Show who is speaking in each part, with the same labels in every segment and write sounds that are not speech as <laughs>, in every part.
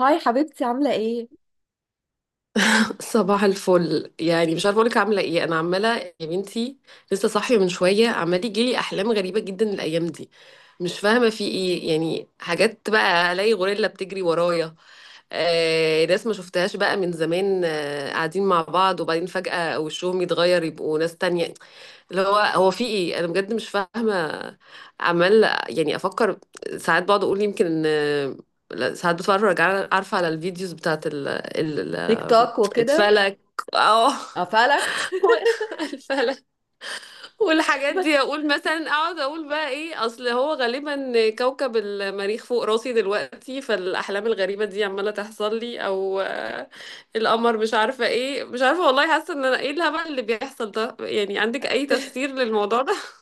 Speaker 1: هاي حبيبتي، عاملة ايه؟
Speaker 2: <laughs> صباح الفل، يعني مش عارفه اقولك عامله ايه، انا عماله يا بنتي. لسه صاحيه من شويه، عمال يجيلي احلام غريبه جدا الايام دي. مش فاهمه في ايه، يعني حاجات بقى الاقي غوريلا بتجري ورايا. ناس ما شفتهاش بقى من زمان، قاعدين مع بعض وبعدين فجأة وشهم يتغير يبقوا ناس تانية. اللي هو هو في ايه؟ انا بجد مش فاهمة. عمال يعني افكر. ساعات بقعد اقول يمكن لا، ساعات بتفرج عارفة، على الفيديوز بتاعت
Speaker 1: تيك توك وكده.
Speaker 2: الفلك. اه.
Speaker 1: قفلك.
Speaker 2: <laughs> الفلك
Speaker 1: <laughs>
Speaker 2: والحاجات
Speaker 1: بس
Speaker 2: دي. اقول مثلا اقعد اقول بقى ايه، اصل هو غالبا كوكب المريخ فوق راسي دلوقتي، فالاحلام الغريبه دي عماله تحصل لي، او القمر، مش عارفه ايه، مش عارفه والله. حاسه ان انا ايه الهبل اللي بيحصل ده؟ يعني عندك اي تفسير للموضوع ده؟ <laughs>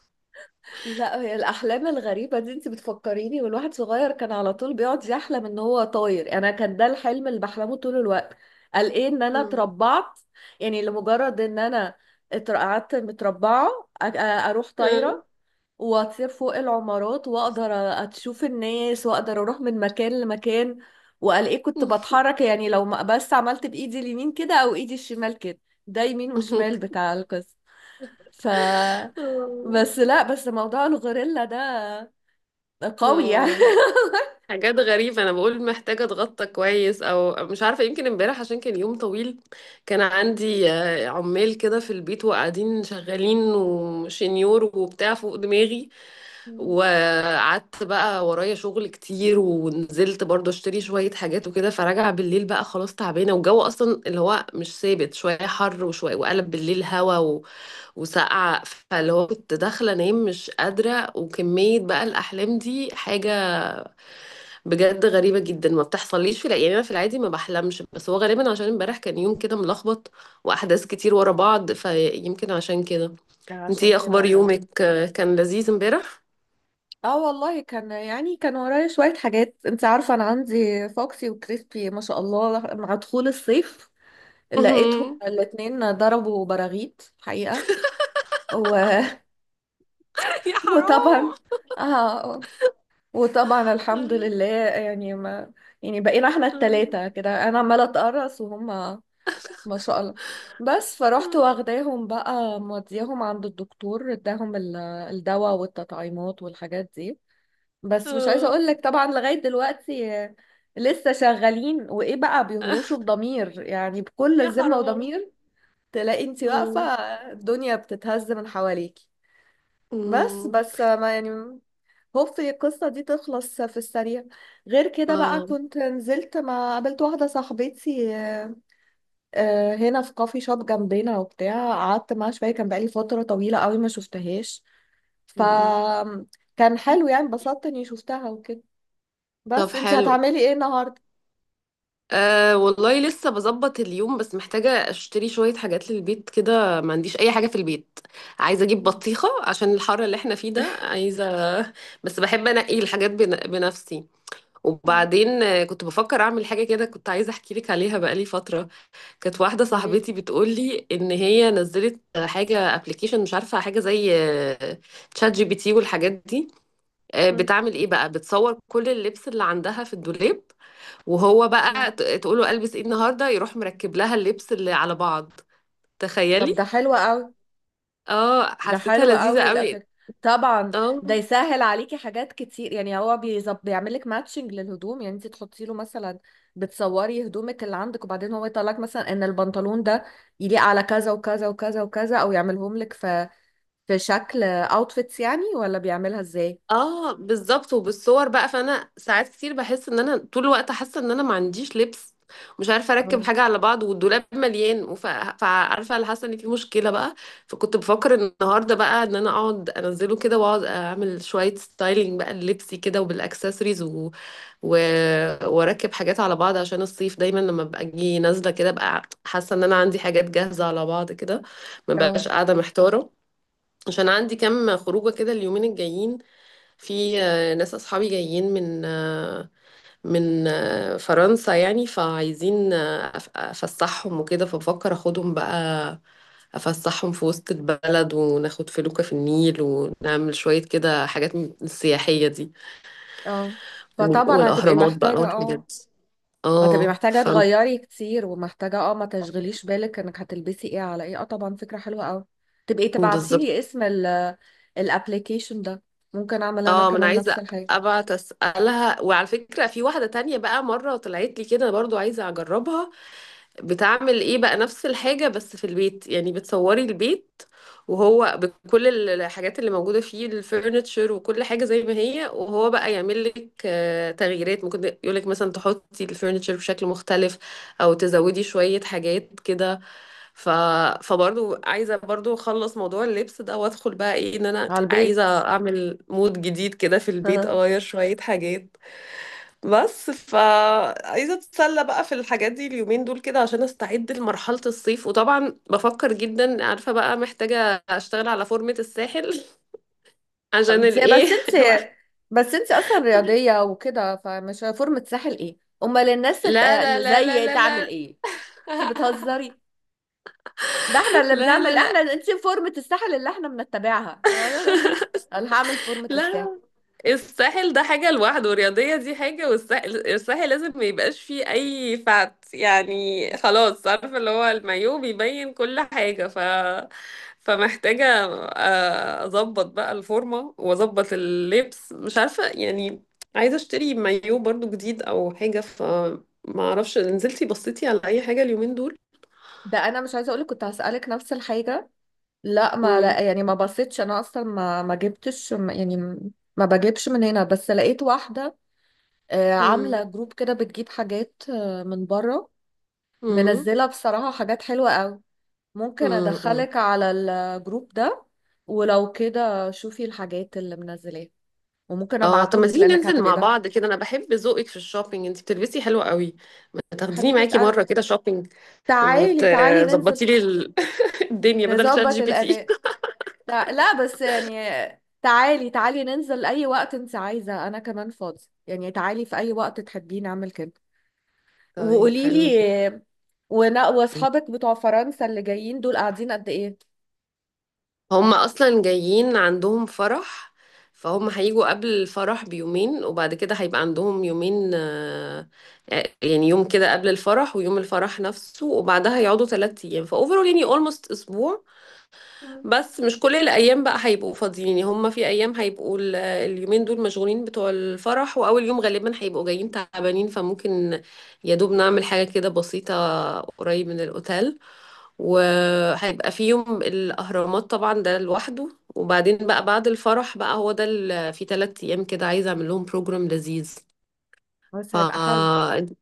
Speaker 1: لا، هي الأحلام الغريبة دي انت بتفكريني. والواحد صغير كان على طول بيقعد يحلم ان هو طاير، انا كان ده الحلم اللي بحلمه طول الوقت. قال ايه ان انا
Speaker 2: مم.
Speaker 1: اتربعت، يعني لمجرد ان انا قعدت متربعة، اروح طايرة
Speaker 2: <laughs>
Speaker 1: واطير فوق العمارات واقدر اشوف الناس واقدر اروح من مكان لمكان. والاقيه كنت بتحرك، يعني لو ما بس عملت بايدي اليمين كده او ايدي الشمال كده، ده يمين وشمال بتاع القصة. ف
Speaker 2: آه.
Speaker 1: بس، لا، بس موضوع الغوريلا ده قوي
Speaker 2: آه
Speaker 1: يعني.
Speaker 2: والله. حاجات غريبة. أنا بقول محتاجة أتغطى كويس، أو مش عارفة، يمكن امبارح عشان كان يوم طويل. كان عندي عمال كده في البيت، وقاعدين شغالين وشنيور وبتاع فوق دماغي.
Speaker 1: <laughs> مم.
Speaker 2: وقعدت بقى ورايا شغل كتير، ونزلت برضو اشتري شوية حاجات وكده، فراجعة بالليل بقى خلاص تعبانة، والجو أصلا اللي هو مش ثابت، شوية حر وشوية وقلب بالليل هوا وسقع. فاللي هو كنت داخلة أنام مش قادرة، وكمية بقى الأحلام دي حاجة بجد غريبة جدا. ما بتحصليش في يعني أنا في العادي ما بحلمش، بس هو غالبا عشان امبارح كان يوم كده ملخبط وأحداث كتير ورا بعض، فيمكن عشان كده. انتي
Speaker 1: عشان
Speaker 2: إيه
Speaker 1: كده
Speaker 2: أخبار
Speaker 1: غلب.
Speaker 2: يومك؟ كان لذيذ امبارح؟
Speaker 1: اه والله، كان يعني كان ورايا شوية حاجات. انت عارفة انا عندي فوكسي وكريسبي، ما شاء الله، مع دخول الصيف لقيتهم
Speaker 2: <laughs>
Speaker 1: الاتنين ضربوا براغيث حقيقة. و...
Speaker 2: يا حرام.
Speaker 1: وطبعا، اه، وطبعا الحمد لله، يعني ما يعني بقينا احنا التلاتة كده، انا عمالة اتقرص وهم، ما شاء الله. بس فروحت واخداهم بقى، مودياهم عند الدكتور اداهم الدواء والتطعيمات والحاجات دي. بس مش عايزة اقول لك، طبعا لغاية دلوقتي لسه شغالين وايه بقى، بيهروشوا بضمير، يعني بكل
Speaker 2: يا
Speaker 1: ذمة
Speaker 2: حرام. <laughs>
Speaker 1: وضمير. تلاقي انت واقفة
Speaker 2: آه.
Speaker 1: الدنيا بتتهز من حواليكي. بس
Speaker 2: آه.
Speaker 1: بس ما يعني هوب القصة دي تخلص في السريع. غير كده بقى،
Speaker 2: آه.
Speaker 1: كنت نزلت، ما قابلت واحدة صاحبتي هنا في كافي شوب جنبنا وبتاع. قعدت معاها شوية، كان بقالي فترة طويلة قوي ما شفتهاش. ف كان حلو، يعني انبسطت اني شفتها وكده.
Speaker 2: طب
Speaker 1: بس انت
Speaker 2: حلو.
Speaker 1: هتعملي ايه النهاردة؟
Speaker 2: أه والله لسه بظبط اليوم، بس محتاجة اشتري شوية حاجات للبيت كده، ما عنديش أي حاجة في البيت. عايزة أجيب
Speaker 1: مم.
Speaker 2: بطيخة عشان الحر اللي احنا فيه ده، عايزة. <laughs> بس بحب أنقي الحاجات بنفسي.
Speaker 1: مم.
Speaker 2: وبعدين كنت بفكر أعمل حاجة كده، كنت عايزة أحكي لك عليها بقالي فترة. كانت واحدة
Speaker 1: قولي.
Speaker 2: صاحبتي بتقول لي إن هي نزلت حاجة ابلكيشن، مش عارفة، حاجة زي تشات جي بي تي والحاجات دي.
Speaker 1: مم.
Speaker 2: بتعمل إيه بقى؟ بتصور كل اللبس اللي عندها في الدولاب، وهو بقى
Speaker 1: مم.
Speaker 2: تقوله البس ايه النهارده، يروح مركب لها اللبس اللي على بعض.
Speaker 1: طب ده
Speaker 2: تخيلي.
Speaker 1: حلو قوي.
Speaker 2: اه،
Speaker 1: ده
Speaker 2: حسيتها
Speaker 1: حلو
Speaker 2: لذيذة
Speaker 1: قوي
Speaker 2: قوي.
Speaker 1: الابليك. طبعا
Speaker 2: اه.
Speaker 1: ده يسهل عليكي حاجات كتير، يعني هو بيظب بيعمل لك ماتشنج للهدوم. يعني انت تحطي له مثلا، بتصوري هدومك اللي عندك وبعدين هو يطلع لك مثلا ان البنطلون ده يليق على كذا وكذا وكذا وكذا، او يعملهم لك في شكل اوتفيتس، يعني ولا بيعملها ازاي؟
Speaker 2: اه بالظبط، وبالصور بقى. فانا ساعات كتير بحس ان انا طول الوقت حاسه ان انا ما عنديش لبس، مش عارفه اركب
Speaker 1: اه،
Speaker 2: حاجه على بعض، والدولاب مليان. فعارفه، اللي حاسه ان في مشكله بقى. فكنت بفكر النهارده بقى ان انا اقعد انزله كده، واقعد اعمل شويه ستايلينج بقى للبسي كده وبالاكسسوارز، و... واركب حاجات على بعض، عشان الصيف دايما لما ببقى اجي نازله كده ببقى حاسه ان انا عندي حاجات جاهزه على بعض كده، ما
Speaker 1: اه،
Speaker 2: بقاش قاعده محتاره. عشان عندي كام خروجه كده اليومين الجايين. في ناس اصحابي جايين من فرنسا، يعني فعايزين افسحهم وكده، فبفكر اخدهم بقى افسحهم في وسط البلد، وناخد فلوكة في النيل، ونعمل شويه كده حاجات من السياحيه دي.
Speaker 1: اه، فطبعا هتبقي
Speaker 2: والاهرامات بقى
Speaker 1: محتاجة.
Speaker 2: والحاجات
Speaker 1: اه،
Speaker 2: دي.
Speaker 1: هتبقي
Speaker 2: اه
Speaker 1: محتاجة
Speaker 2: ف.
Speaker 1: تغيري كتير ومحتاجة، اه، ما تشغليش بالك انك هتلبسي ايه على ايه. اه، طبعا فكرة حلوة قوي. تبقي
Speaker 2: بالظبط.
Speaker 1: تبعتيلي اسم الابليكيشن ده. ممكن اعمل انا
Speaker 2: اه ما انا
Speaker 1: كمان نفس
Speaker 2: عايزه
Speaker 1: الحاجة
Speaker 2: ابعت اسالها. وعلى فكره، في واحده تانية بقى مره طلعت لي كده برضو، عايزه اجربها. بتعمل ايه بقى؟ نفس الحاجه بس في البيت، يعني بتصوري البيت وهو بكل الحاجات اللي موجوده فيه، الفurniture وكل حاجه زي ما هي، وهو بقى يعمل لك تغييرات، ممكن يقول لك مثلا تحطي الفurniture بشكل مختلف، او تزودي شويه حاجات كده. ف... فبرضو عايزة برضو اخلص موضوع اللبس ده، وادخل بقى ايه، ان انا
Speaker 1: على
Speaker 2: عايزة
Speaker 1: البيت.
Speaker 2: اعمل مود جديد كده في
Speaker 1: <laughs>
Speaker 2: البيت،
Speaker 1: ها.
Speaker 2: اغير شوية حاجات. بس فعايزة اتسلى بقى في الحاجات دي اليومين دول كده، عشان استعد لمرحلة الصيف. وطبعا بفكر جدا، عارفة بقى، محتاجة اشتغل على فورمة الساحل. <laughs> عشان
Speaker 1: انت
Speaker 2: الايه
Speaker 1: بس
Speaker 2: <laughs>
Speaker 1: انت انت اصلا رياضية وكده، فمش فورمة ساحل ايه؟ امال الناس
Speaker 2: لا لا
Speaker 1: اللي
Speaker 2: لا لا
Speaker 1: زي
Speaker 2: لا
Speaker 1: تعمل
Speaker 2: لا.
Speaker 1: ايه؟ انت بتهزري. ده احنا
Speaker 2: <laughs>
Speaker 1: اللي
Speaker 2: لا
Speaker 1: بنعمل،
Speaker 2: لا لا
Speaker 1: احنا انت فورمة الساحل اللي احنا بنتبعها. <laughs> انا أنا اللي انت انا هعمل فورمة الساحل.
Speaker 2: لا. الساحل ده حاجة لوحده، والرياضية دي حاجة، والساحل الساحل لازم ما يبقاش فيه أي فات، يعني خلاص، عارفة اللي هو المايو بيبين كل حاجة. ف فمحتاجة أظبط بقى الفورمة وأظبط اللبس، مش عارفة يعني. عايزة أشتري مايو برضو جديد أو حاجة، فما أعرفش، نزلتي بصيتي على أي حاجة اليومين دول؟
Speaker 1: ده انا مش عايزه اقولك، كنت هسألك نفس الحاجه. لا، ما لا،
Speaker 2: مم.
Speaker 1: يعني ما بصيتش انا اصلا ما جبتش يعني ما بجيبش من هنا. بس لقيت واحده
Speaker 2: مم.
Speaker 1: عامله جروب كده، بتجيب حاجات من بره.
Speaker 2: مم.
Speaker 1: منزله بصراحه حاجات حلوه قوي. ممكن
Speaker 2: مم.
Speaker 1: ادخلك على الجروب ده، ولو كده شوفي الحاجات اللي منزلاها، وممكن
Speaker 2: اه طب
Speaker 1: ابعتهم
Speaker 2: ما
Speaker 1: لك
Speaker 2: تيجي
Speaker 1: لانك
Speaker 2: ننزل
Speaker 1: هتبقي
Speaker 2: مع
Speaker 1: ده.
Speaker 2: بعض كده، انا بحب ذوقك في الشوبينج، انت بتلبسي حلو قوي. ما تاخديني
Speaker 1: حبيبه
Speaker 2: معاكي مره
Speaker 1: قلبي،
Speaker 2: كده شوبينج،
Speaker 1: تعالي تعالي
Speaker 2: وتظبطي
Speaker 1: ننزل.
Speaker 2: لي ال- <laughs> الدنيا بدل شات
Speaker 1: نظبط
Speaker 2: جي بي تي.
Speaker 1: الاداء. لا لا، بس يعني تعالي تعالي ننزل اي وقت انت عايزة. انا كمان فاضي، يعني تعالي في اي وقت تحبي نعمل كده.
Speaker 2: <laughs> طيب،
Speaker 1: وقولي
Speaker 2: حلو جدا.
Speaker 1: لي، ونا واصحابك بتوع فرنسا اللي جايين دول قاعدين قد ايه؟
Speaker 2: هم اصلا جايين عندهم فرح، فهم هيجوا قبل الفرح بيومين، وبعد كده هيبقى عندهم يومين، يعني يوم كده قبل الفرح، ويوم الفرح نفسه، وبعدها يقعدوا 3 ايام، فاوفرول يعني اولموست اسبوع.
Speaker 1: مم.
Speaker 2: بس مش كل الايام بقى هيبقوا فاضيين، يعني هما في ايام هيبقوا اليومين دول مشغولين بتوع الفرح، واول يوم غالبا هيبقوا جايين تعبانين، فممكن يا دوب نعمل حاجه كده بسيطه قريب من الاوتيل. وهيبقى في يوم الاهرامات طبعا ده لوحده، وبعدين بقى بعد الفرح بقى، هو ده في 3 ايام كده عايزه اعمل لهم بروجرام لذيذ.
Speaker 1: بس هيبقى حلو.
Speaker 2: فانت.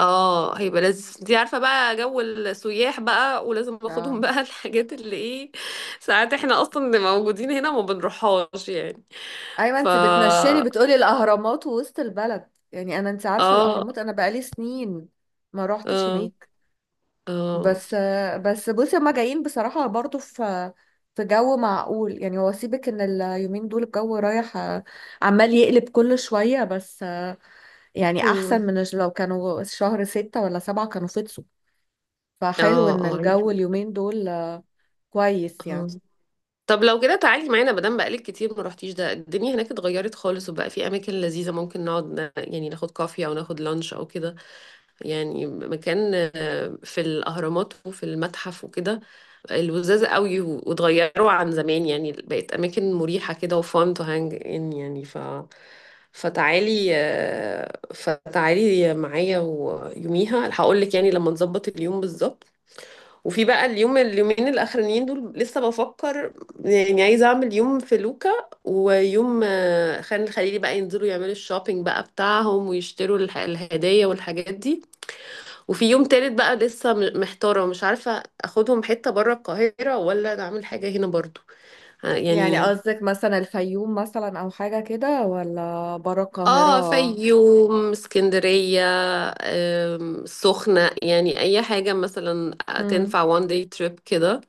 Speaker 2: اه هيبقى لذيذ. انتي عارفة بقى جو السياح بقى، ولازم ناخدهم
Speaker 1: اه،
Speaker 2: بقى <laughs> الحاجات اللي ايه، ساعات احنا اصلا اللي موجودين هنا ما بنروحهاش يعني.
Speaker 1: ايوه
Speaker 2: ف
Speaker 1: انت بتنشني
Speaker 2: اه.
Speaker 1: بتقولي الاهرامات ووسط البلد. يعني انا، انت عارفة
Speaker 2: اه.
Speaker 1: الاهرامات انا بقالي سنين ما روحتش هناك.
Speaker 2: اه.
Speaker 1: بس بس بصي، هما جايين بصراحة برضو في في جو معقول، يعني هو سيبك ان اليومين دول الجو رايح عمال يقلب كل شوية. بس يعني احسن
Speaker 2: مم.
Speaker 1: من لو كانوا شهر ستة ولا سبعة كانوا فطسوا. فحلو ان
Speaker 2: اه.
Speaker 1: الجو اليومين دول كويس
Speaker 2: اه
Speaker 1: يعني.
Speaker 2: طب لو كده تعالي معانا، مادام بقالك كتير ما رحتيش، ده الدنيا هناك اتغيرت خالص، وبقى في اماكن لذيذه ممكن نقعد يعني ناخد كافي، او ناخد لانش او كده. يعني مكان في الاهرامات وفي المتحف وكده الوزاز قوي، واتغيروا عن زمان، يعني بقت اماكن مريحه كده، وفان تو هانج ان، يعني ف فتعالي فتعالي معايا، ويوميها هقول لك يعني لما نظبط اليوم بالظبط. وفي بقى اليوم، اليومين الاخرانيين دول لسه بفكر، يعني عايزه اعمل يوم في لوكا، ويوم خان الخليلي بقى، ينزلوا يعملوا الشوبينج بقى بتاعهم ويشتروا الهدايا والحاجات دي. وفي يوم تالت بقى لسه محتاره، مش عارفه اخدهم حته بره القاهره ولا اعمل حاجه هنا برضو.
Speaker 1: يعني
Speaker 2: يعني.
Speaker 1: قصدك مثلا الفيوم مثلا او حاجة كده، ولا برا
Speaker 2: اه،
Speaker 1: القاهرة؟
Speaker 2: فيوم، اسكندرية، سخنة، يعني أي حاجة مثلا
Speaker 1: مم.
Speaker 2: تنفع one day trip كده.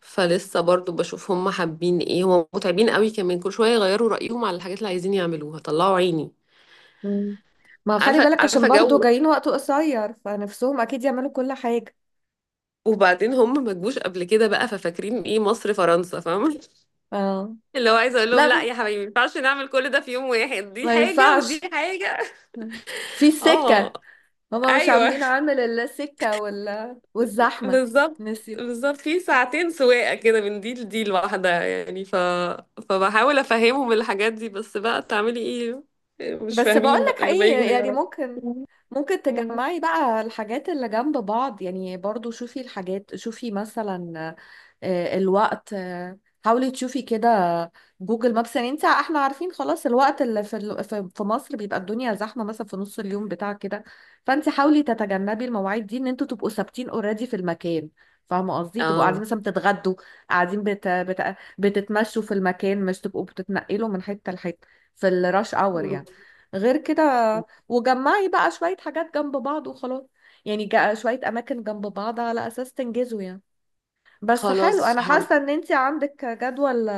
Speaker 2: فلسه برضو بشوف هم حابين ايه، هم متعبين قوي كمان كل شوية يغيروا رأيهم على الحاجات اللي عايزين يعملوها، طلعوا عيني.
Speaker 1: مم. ما خلي
Speaker 2: عارفة
Speaker 1: بالك، عشان
Speaker 2: عارفة
Speaker 1: برضو
Speaker 2: جو.
Speaker 1: جايين وقت قصير فنفسهم اكيد يعملوا كل حاجة.
Speaker 2: وبعدين هم ما جوش قبل كده بقى، ففاكرين ايه مصر، فرنسا، فاهمة؟
Speaker 1: اه،
Speaker 2: <laughs> اللي هو عايزة اقول لهم لا
Speaker 1: لا،
Speaker 2: يا حبايبي، ما ينفعش نعمل كل ده في يوم واحد، دي
Speaker 1: ما
Speaker 2: حاجة ودي
Speaker 1: ينفعش
Speaker 2: حاجة. <laughs>
Speaker 1: في سكة،
Speaker 2: اه.
Speaker 1: هما مش
Speaker 2: ايوه
Speaker 1: عاملين عامل الا سكة ولا والزحمة.
Speaker 2: بالظبط.
Speaker 1: نسيب.
Speaker 2: بالظبط، في ساعتين سواقة كده من دي لدي لوحدها يعني. فبحاول افهمهم الحاجات دي، بس بقى تعملي ايه، مش
Speaker 1: بس
Speaker 2: فاهمين بقى،
Speaker 1: بقولك
Speaker 2: اللي بيجوا
Speaker 1: ايه، يعني
Speaker 2: هيعرفوا.
Speaker 1: ممكن
Speaker 2: أمم.
Speaker 1: تجمعي بقى الحاجات اللي جنب بعض. يعني برضو شوفي الحاجات، شوفي مثلا الوقت، حاولي تشوفي كده جوجل مابس. يعني انت، احنا عارفين خلاص الوقت اللي في في مصر بيبقى الدنيا زحمة، مثلا في نص اليوم بتاع كده. فانت حاولي تتجنبي المواعيد دي، ان انتوا تبقوا ثابتين اوريدي في المكان. فاهمة قصدي، تبقوا قاعدين
Speaker 2: اه.
Speaker 1: مثلا بتتغدوا، قاعدين بتتمشوا في المكان، مش تبقوا بتتنقلوا من حتة لحتة في الراش اور
Speaker 2: مم.
Speaker 1: يعني. غير كده، وجمعي بقى شوية حاجات جنب بعض وخلاص. يعني شوية أماكن جنب بعض على أساس تنجزوا يعني. بس حلو،
Speaker 2: خلاص
Speaker 1: أنا
Speaker 2: هم...
Speaker 1: حاسة إن أنتي عندك جدول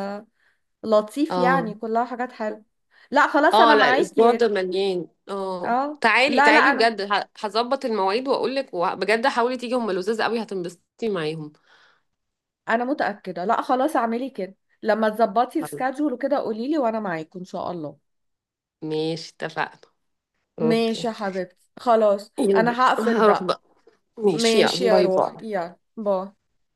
Speaker 1: لطيف،
Speaker 2: اه.
Speaker 1: يعني كلها حاجات حلوة. لا خلاص
Speaker 2: اه
Speaker 1: أنا
Speaker 2: لا الاسبوع
Speaker 1: معاكي.
Speaker 2: ده مليان. اه
Speaker 1: اه،
Speaker 2: تعالي
Speaker 1: لا لا،
Speaker 2: تعالي
Speaker 1: أنا
Speaker 2: بجد، هظبط المواعيد واقول لك، بجد حاولي تيجي، هم لذاذ قوي هتنبسطي معاهم.
Speaker 1: أنا متأكدة، لا خلاص اعملي كده. لما تظبطي
Speaker 2: طيب
Speaker 1: السكادجول وكده قوليلي، وأنا معاكي إن شاء الله.
Speaker 2: ماشي، اتفقنا.
Speaker 1: ماشي يا
Speaker 2: اوكي
Speaker 1: حبيبتي، خلاص
Speaker 2: يلا
Speaker 1: أنا هقفل
Speaker 2: هروح
Speaker 1: بقى.
Speaker 2: بقى. ماشي
Speaker 1: ماشي
Speaker 2: يلا،
Speaker 1: يا
Speaker 2: باي
Speaker 1: روحي،
Speaker 2: باي.
Speaker 1: يلا باي.